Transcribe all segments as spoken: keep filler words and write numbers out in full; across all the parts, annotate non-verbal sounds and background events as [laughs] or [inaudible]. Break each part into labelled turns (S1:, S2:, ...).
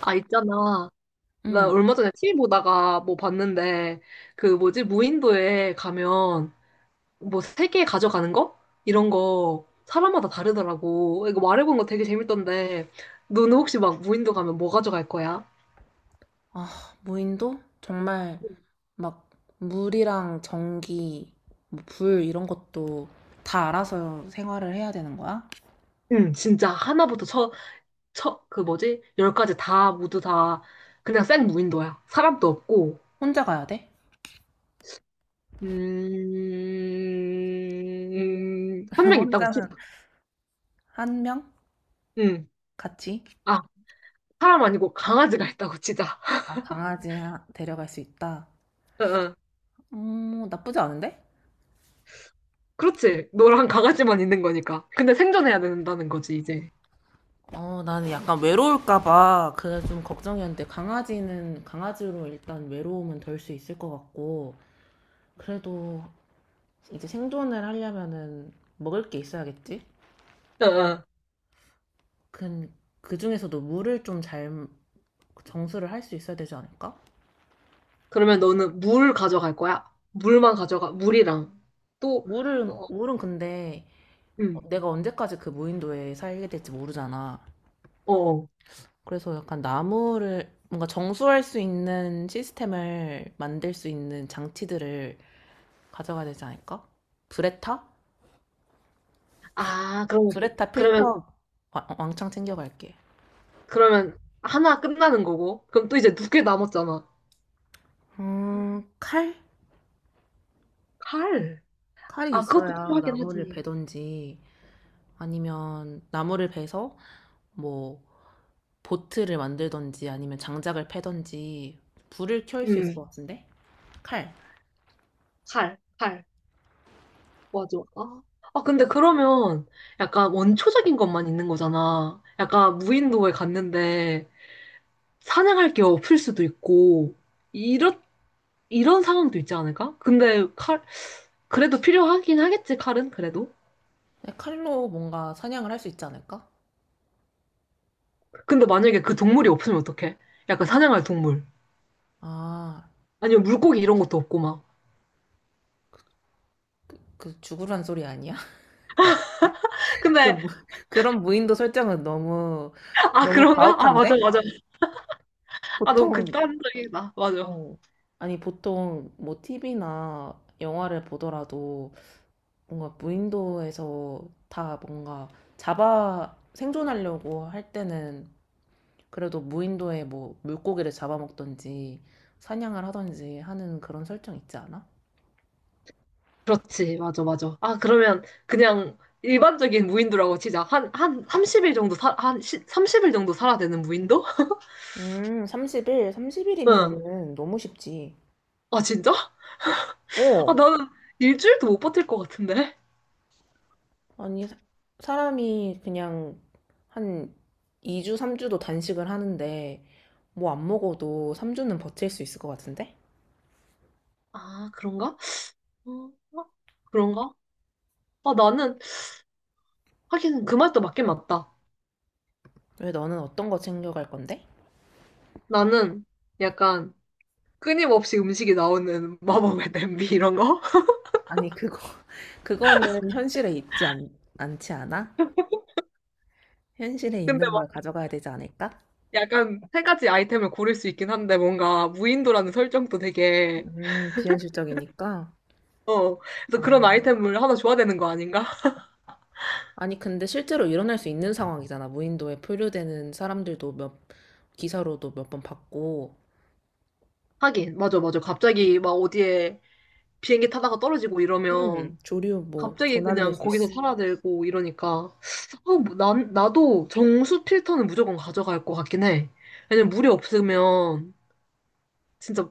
S1: 아, 있잖아. 나
S2: 응.
S1: 얼마 전에 티비 보다가 뭐 봤는데, 그 뭐지, 무인도에 가면 뭐 세 개 가져가는 거? 이런 거 사람마다 다르더라고. 이거 말해본 거 되게 재밌던데, 너는 혹시 막 무인도 가면 뭐 가져갈 거야?
S2: 아, 무인도? 정말 막 물이랑 전기, 뭐불 이런 것도 다 알아서 생활을 해야 되는 거야?
S1: 응, 진짜 하나부터 쳐, 쳐, 그 뭐지, 열까지 다, 모두 다, 그냥 생 무인도야. 사람도 없고,
S2: 혼자 가야 돼?
S1: 음,
S2: [laughs]
S1: 한 명 있다고 치자.
S2: 혼자는 한 명?
S1: 응.
S2: 같이?
S1: 아, 사람 아니고 강아지가 있다고 치자.
S2: 아, 강아지 하- 데려갈 수 있다.
S1: [laughs] 어, 어.
S2: 음, 나쁘지 않은데?
S1: 그렇지. 너랑 강아지만 있는 거니까. 근데 생존해야 된다는 거지, 이제.
S2: 어, 나는 약간 외로울까 봐 그게 좀 걱정이었는데 강아지는 강아지로 일단 외로움은 덜 수 있을 것 같고 그래도 이제 생존을 하려면은 먹을 게 있어야겠지?
S1: 어, 어.
S2: 그, 그 중에서도 물을 좀 잘 정수를 할 수 있어야 되지 않을까?
S1: 그러면 너는 물 가져갈 거야? 물만 가져가, 물이랑. 또,
S2: 물은,
S1: 어,
S2: 물은 근데 어,
S1: 응,
S2: 내가 언제까지 그 무인도에 살게 될지 모르잖아.
S1: 어. 어.
S2: 그래서 약간 나무를 뭔가 정수할 수 있는 시스템을 만들 수 있는 장치들을 가져가야 되지 않을까? 브레타?
S1: 아, 그럼,
S2: 브레타
S1: 그러면,
S2: 필터 와- 왕창 챙겨갈게.
S1: 그러면 하나 끝나는 거고. 그럼 또 이제 두 개 남았잖아.
S2: 음, 칼?
S1: 칼.
S2: 칼이
S1: 아, 그것도
S2: 있어야
S1: 필요하긴
S2: 나무를
S1: 하지.
S2: 베던지 아니면 나무를 베서 뭐 보트를 만들던지 아니면 장작을 패던지 불을 켤 수 있을
S1: 응,
S2: 것 같은데? 칼.
S1: 칼, 칼. 맞아. 아, 아, 근데 그러면 약간 원초적인 것만 있는 거잖아. 약간 무인도에 갔는데 사냥할 게 없을 수도 있고, 이런, 이런 상황도 있지 않을까? 근데 칼, 그래도 필요하긴 하겠지, 칼은, 그래도.
S2: 네, 칼로 뭔가 사냥을 할 수 있지 않을까?
S1: 근데 만약에 그 동물이 없으면 어떡해? 약간 사냥할 동물.
S2: 아,
S1: 아니면 물고기 이런 것도 없고 막.
S2: 그 죽으란 소리 아니야? [laughs] 그
S1: 근데,
S2: 무- 그런 무인도 설정은 너무
S1: 아,
S2: 너무
S1: 그런가? 아, 맞아,
S2: 과혹한데?
S1: 맞아. 아, 너무
S2: 보통
S1: 극단적이다. 맞아.
S2: 어. 아니 보통 뭐 티비나 영화를 보더라도 뭔가 무인도에서 다 뭔가 잡아 생존하려고 할 때는 그래도 무인도에 뭐 물고기를 잡아먹던지 사냥을 하던지 하는 그런 설정 있지 않아?
S1: 그렇지, 맞아, 맞아. 아, 그러면 그냥 일반적인 무인도라고 치자. 한, 한 삼십 일 정도 사, 한 시, 삼십 일 정도 살아야 되는 무인도? [laughs]
S2: 음, 삼십 일,
S1: 응.
S2: 삼십 일이면은 너무 쉽지.
S1: 아, 진짜? 아,
S2: 어.
S1: 나는 일주일도 못 버틸 것 같은데?
S2: 아니, 사- 사람이 그냥 한 이 주, 삼 주도 단식을 하는데 뭐 안 먹어도 삼 주는 버틸 수 있을 것 같은데?
S1: 아, 그런가? 어, 어? 그런가? 아, 나는, 하긴 그 말도 맞긴 맞다.
S2: 왜 너는 어떤 거 챙겨갈 건데?
S1: 나는 약간 끊임없이 음식이 나오는 [laughs] 마법의 냄비 이런 거? [laughs]
S2: 아니, 그거, [laughs] 그거는 현실에 있지 않, 않지 않아? 현실에
S1: 근데
S2: 있는
S1: 막
S2: 걸 가져가야 되지 않을까?
S1: 약간 세 가지 아이템을 고를 수 있긴 한데 뭔가 무인도라는 설정도 되게,
S2: 음, 비현실적이니까.
S1: 어, 그래서 그런
S2: 아,
S1: 아이템을 하나 줘야 되는 거 아닌가?
S2: 아니, 근데 실제로 일어날 수 있는 상황이잖아. 무인도에 표류되는 사람들도 몇, 기사로도 몇 번 봤고,
S1: 하긴, 맞아, 맞아. 갑자기 막 어디에 비행기 타다가 떨어지고
S2: 음,
S1: 이러면
S2: 조류 뭐
S1: 갑자기
S2: 조난될
S1: 그냥
S2: 수
S1: 거기서
S2: 있어.
S1: 살아들고 이러니까 아, 뭐 난, 나도 정수 필터는 무조건 가져갈 것 같긴 해. 왜냐면 물이 없으면 진짜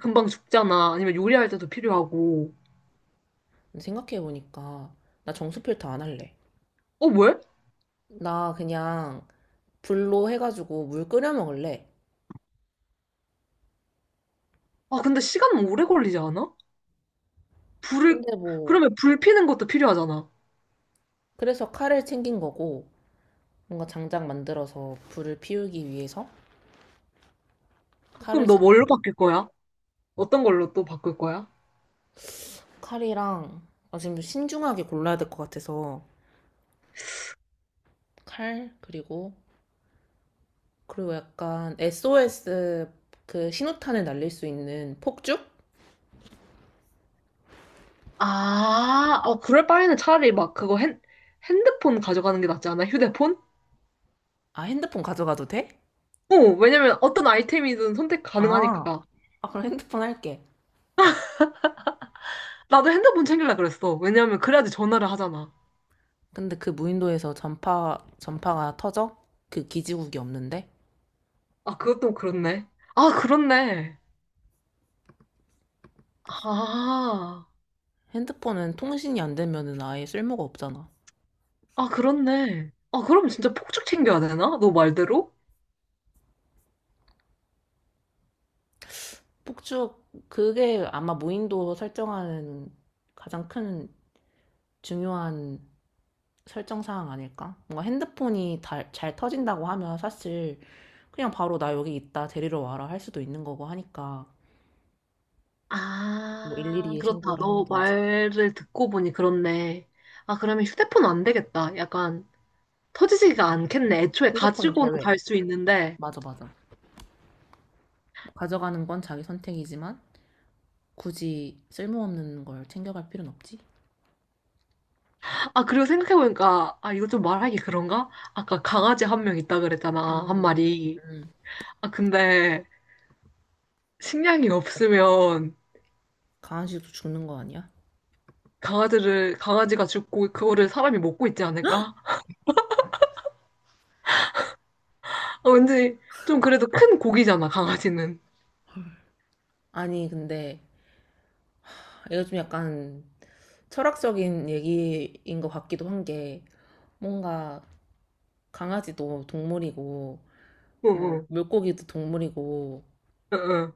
S1: 금방 죽잖아. 아니면 요리할 때도 필요하고.
S2: 생각해보니까, 나 정수 필터 안 할래.
S1: 어, 왜?
S2: 나 그냥 불로 해가지고 물 끓여 먹을래.
S1: 아, 근데 시간 오래 걸리지 않아? 불을
S2: 근데 뭐,
S1: 그러면 불 피는 것도 필요하잖아.
S2: 그래서 칼을 챙긴 거고, 뭔가 장작 만들어서 불을 피우기 위해서 칼을
S1: 그럼 너
S2: 챙겨,
S1: 뭘로 바뀔 거야? 어떤 걸로 또 바꿀 거야?
S2: 칼이랑, 아, 지금 신중하게 골라야 될 것 같아서, 칼, 그리고 그리고 약간 에스오에스 그 신호탄을 날릴 수 있는 폭죽?
S1: 아, 어, 그럴 바에는 차라리 막 그거 핸, 핸드폰 가져가는 게 낫지 않아? 휴대폰?
S2: 아, 핸드폰 가져가도 돼?
S1: 어, 왜냐면 어떤 아이템이든 선택
S2: 아,
S1: 가능하니까.
S2: 아, 그럼 핸드폰 할게.
S1: 나도 핸드폰 챙길라 그랬어. 왜냐면 그래야지 전화를 하잖아.
S2: 근데 그 무인도에서 전파, 전파가 터져? 그 기지국이 없는데?
S1: 아, 그것도 그렇네. 아, 그렇네. 아,
S2: 핸드폰은 통신이 안 되면은 아예 쓸모가 없잖아.
S1: 아, 그렇네. 아, 그럼 진짜 폭죽 챙겨야 되나? 너 말대로?
S2: 폭죽, 그게 아마 무인도 설정하는 가장 큰 중요한 설정 사항 아닐까? 뭔가 핸드폰이 다- 잘 터진다고 하면 사실 그냥 바로 나 여기 있다 데리러 와라 할 수도 있는 거고 하니까 뭐 일일이
S1: 아,
S2: 에
S1: 그렇다.
S2: 신고를
S1: 너
S2: 한다든지.
S1: 말을 듣고 보니 그렇네. 아, 그러면 휴대폰 안 되겠다. 약간 터지지가 않겠네. 애초에
S2: 휴대폰
S1: 가지고는
S2: 제외.
S1: 갈 수 있는데.
S2: 맞아, 맞아. 뭐 가져가는 건 자기 선택이지만 굳이 쓸모없는 걸 챙겨갈 필요는 없지.
S1: 아, 그리고 생각해보니까, 아, 이거 좀 말하기 그런가? 아까 강아지 한 명 있다 그랬잖아. 한
S2: 음,
S1: 마리.
S2: 음.
S1: 아, 근데 식량이 없으면
S2: 강아지도 죽는 거 아니야?
S1: 강아지를, 강아지가 죽고 그거를 사람이 먹고 있지 않을까? [laughs] 아, 왠지 좀 그래도 큰 고기잖아, 강아지는.
S2: 아니, 근데 이거 좀 약간 철학적인 얘기인 것 같기도 한 게 뭔가 강아지도 동물이고
S1: 응,
S2: 뭐
S1: 응,
S2: 물고기도 동물이고
S1: 응, 응.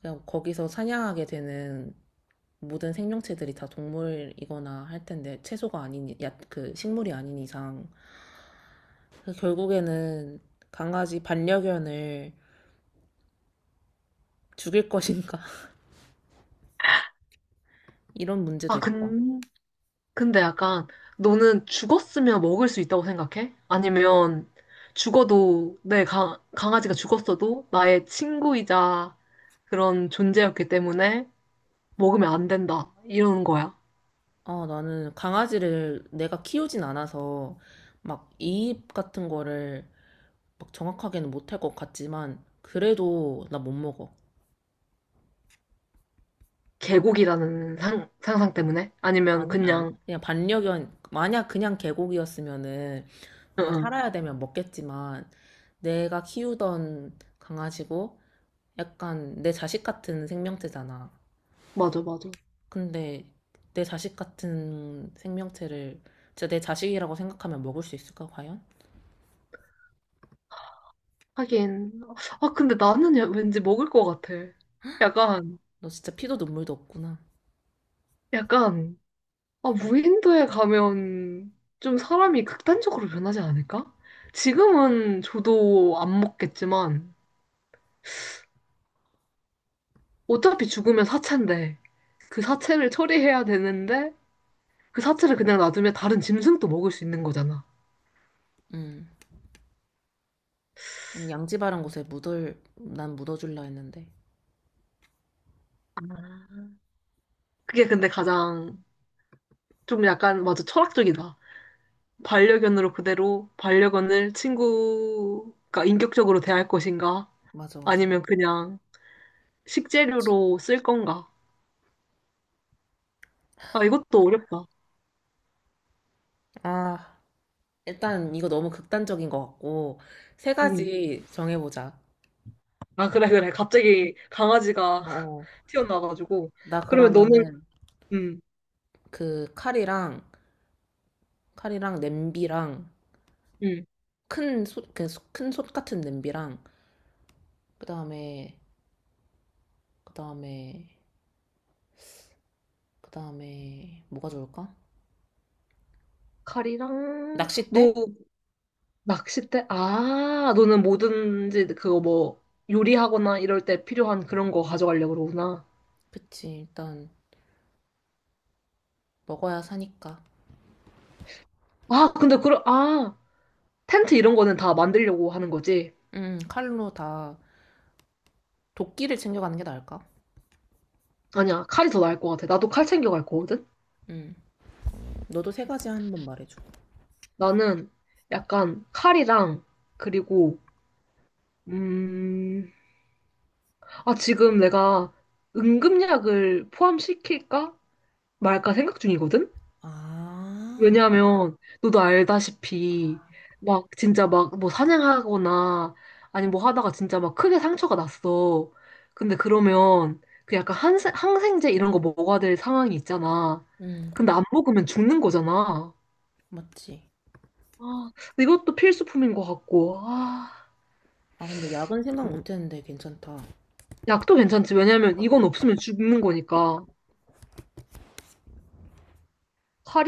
S2: 그냥 거기서 사냥하게 되는 모든 생명체들이 다 동물이거나 할 텐데 채소가 아닌 야, 그 식물이 아닌 이상 그래서 결국에는 강아지 반려견을 죽일 것인가? [laughs] 이런 문제도
S1: 아,
S2: 있다.
S1: 근, 근데 약간 너는 죽었으면 먹을 수 있다고 생각해? 아니면 죽어도 내 강, 강아지가 죽었어도 나의 친구이자 그런 존재였기 때문에 먹으면 안 된다. 이러는 거야.
S2: 아, 나는 강아지를 내가 키우진 않아서 막 이입 같은 거를 막 정확하게는 못할 것 같지만 그래도 나 못 먹어.
S1: 개고기라는 상, 상상 때문에? 아니면
S2: 아니, 아니.
S1: 그냥,
S2: 그냥 반려견, 만약 그냥 계곡이었으면은
S1: 응,
S2: 정말
S1: 응.
S2: 살아야 되면 먹겠지만 내가 키우던 강아지고 약간 내 자식 같은 생명체잖아.
S1: 맞아, 맞아.
S2: 근데 내 자식 같은 생명체를 진짜 내 자식이라고 생각하면 먹을 수 있을까, 과연?
S1: 하긴. 아, 근데 나는 야- 왠지 먹을 것 같아. 약간,
S2: 너 진짜 피도 눈물도 없구나.
S1: 약간, 아, 무인도에 가면 좀 사람이 극단적으로 변하지 않을까? 지금은 저도 안 먹겠지만, 어차피 죽으면 사체인데, 그 사체를 처리해야 되는데, 그 사체를 그냥 놔두면 다른 짐승도 먹을 수 있는 거잖아.
S2: 음. 아니, 양지바른 곳에 묻을, 난 묻어줄라 했는데.
S1: 그게 근데 가장 좀 약간, 맞아, 철학적이다. 반려견으로 그대로 반려견을 친구가 인격적으로 대할 것인가?
S2: 맞아, 맞아.
S1: 아니면 그냥 식재료로 쓸 건가? 아, 이것도 어렵다.
S2: 아, 일단 이거 너무 극단적인 것 같고, 세
S1: 음.
S2: 가지 정해보자.
S1: 아, 그래, 그래. 갑자기 강아지가 [laughs]
S2: 어.
S1: 튀어나와가지고.
S2: 나
S1: 그러면 너는,
S2: 그러면은
S1: 음,
S2: 그 칼이랑, 칼이랑 냄비랑,
S1: 음.
S2: 큰 솥, 큰솥 같은 냄비랑, 그 다음에, 그 다음에, 그 다음에, 뭐가 좋을까?
S1: 칼이랑, 너
S2: 낚싯대?
S1: 낚싯대? 아, 너는 뭐든지 그거 뭐 요리하거나 이럴 때 필요한 그런 거 가져가려고 그러구나.
S2: 그치, 일단 먹어야 사니까.
S1: 아, 근데 그런, 아, 텐트 이런 거는 다 만들려고 하는 거지.
S2: 음, 칼로 다 도끼를 챙겨가는 게 나을까?
S1: 아니야, 칼이 더 나을 것 같아. 나도 칼 챙겨갈 거거든?
S2: 음, 너도 세 가지 한 번 말해줘.
S1: 나는 약간 칼이랑, 그리고, 음, 아, 지금 내가 응급약을 포함시킬까 말까 생각 중이거든?
S2: 아,
S1: 왜냐하면 너도 알다시피 막 진짜 막 뭐 사냥하거나 아니 뭐 하다가 진짜 막 크게 상처가 났어. 근데 그러면 그 약간 항생, 항생제 이런 거 먹어야 될 상황이 있잖아.
S2: 음,
S1: 근데 안 먹으면 죽는 거잖아.
S2: 맞지.
S1: 아, 이것도 필수품인 것 같고. 아,
S2: 아, 근데 야근 생각 못 했는데 괜찮다.
S1: 약도 괜찮지. 왜냐면 이건 없으면 죽는 거니까. 칼이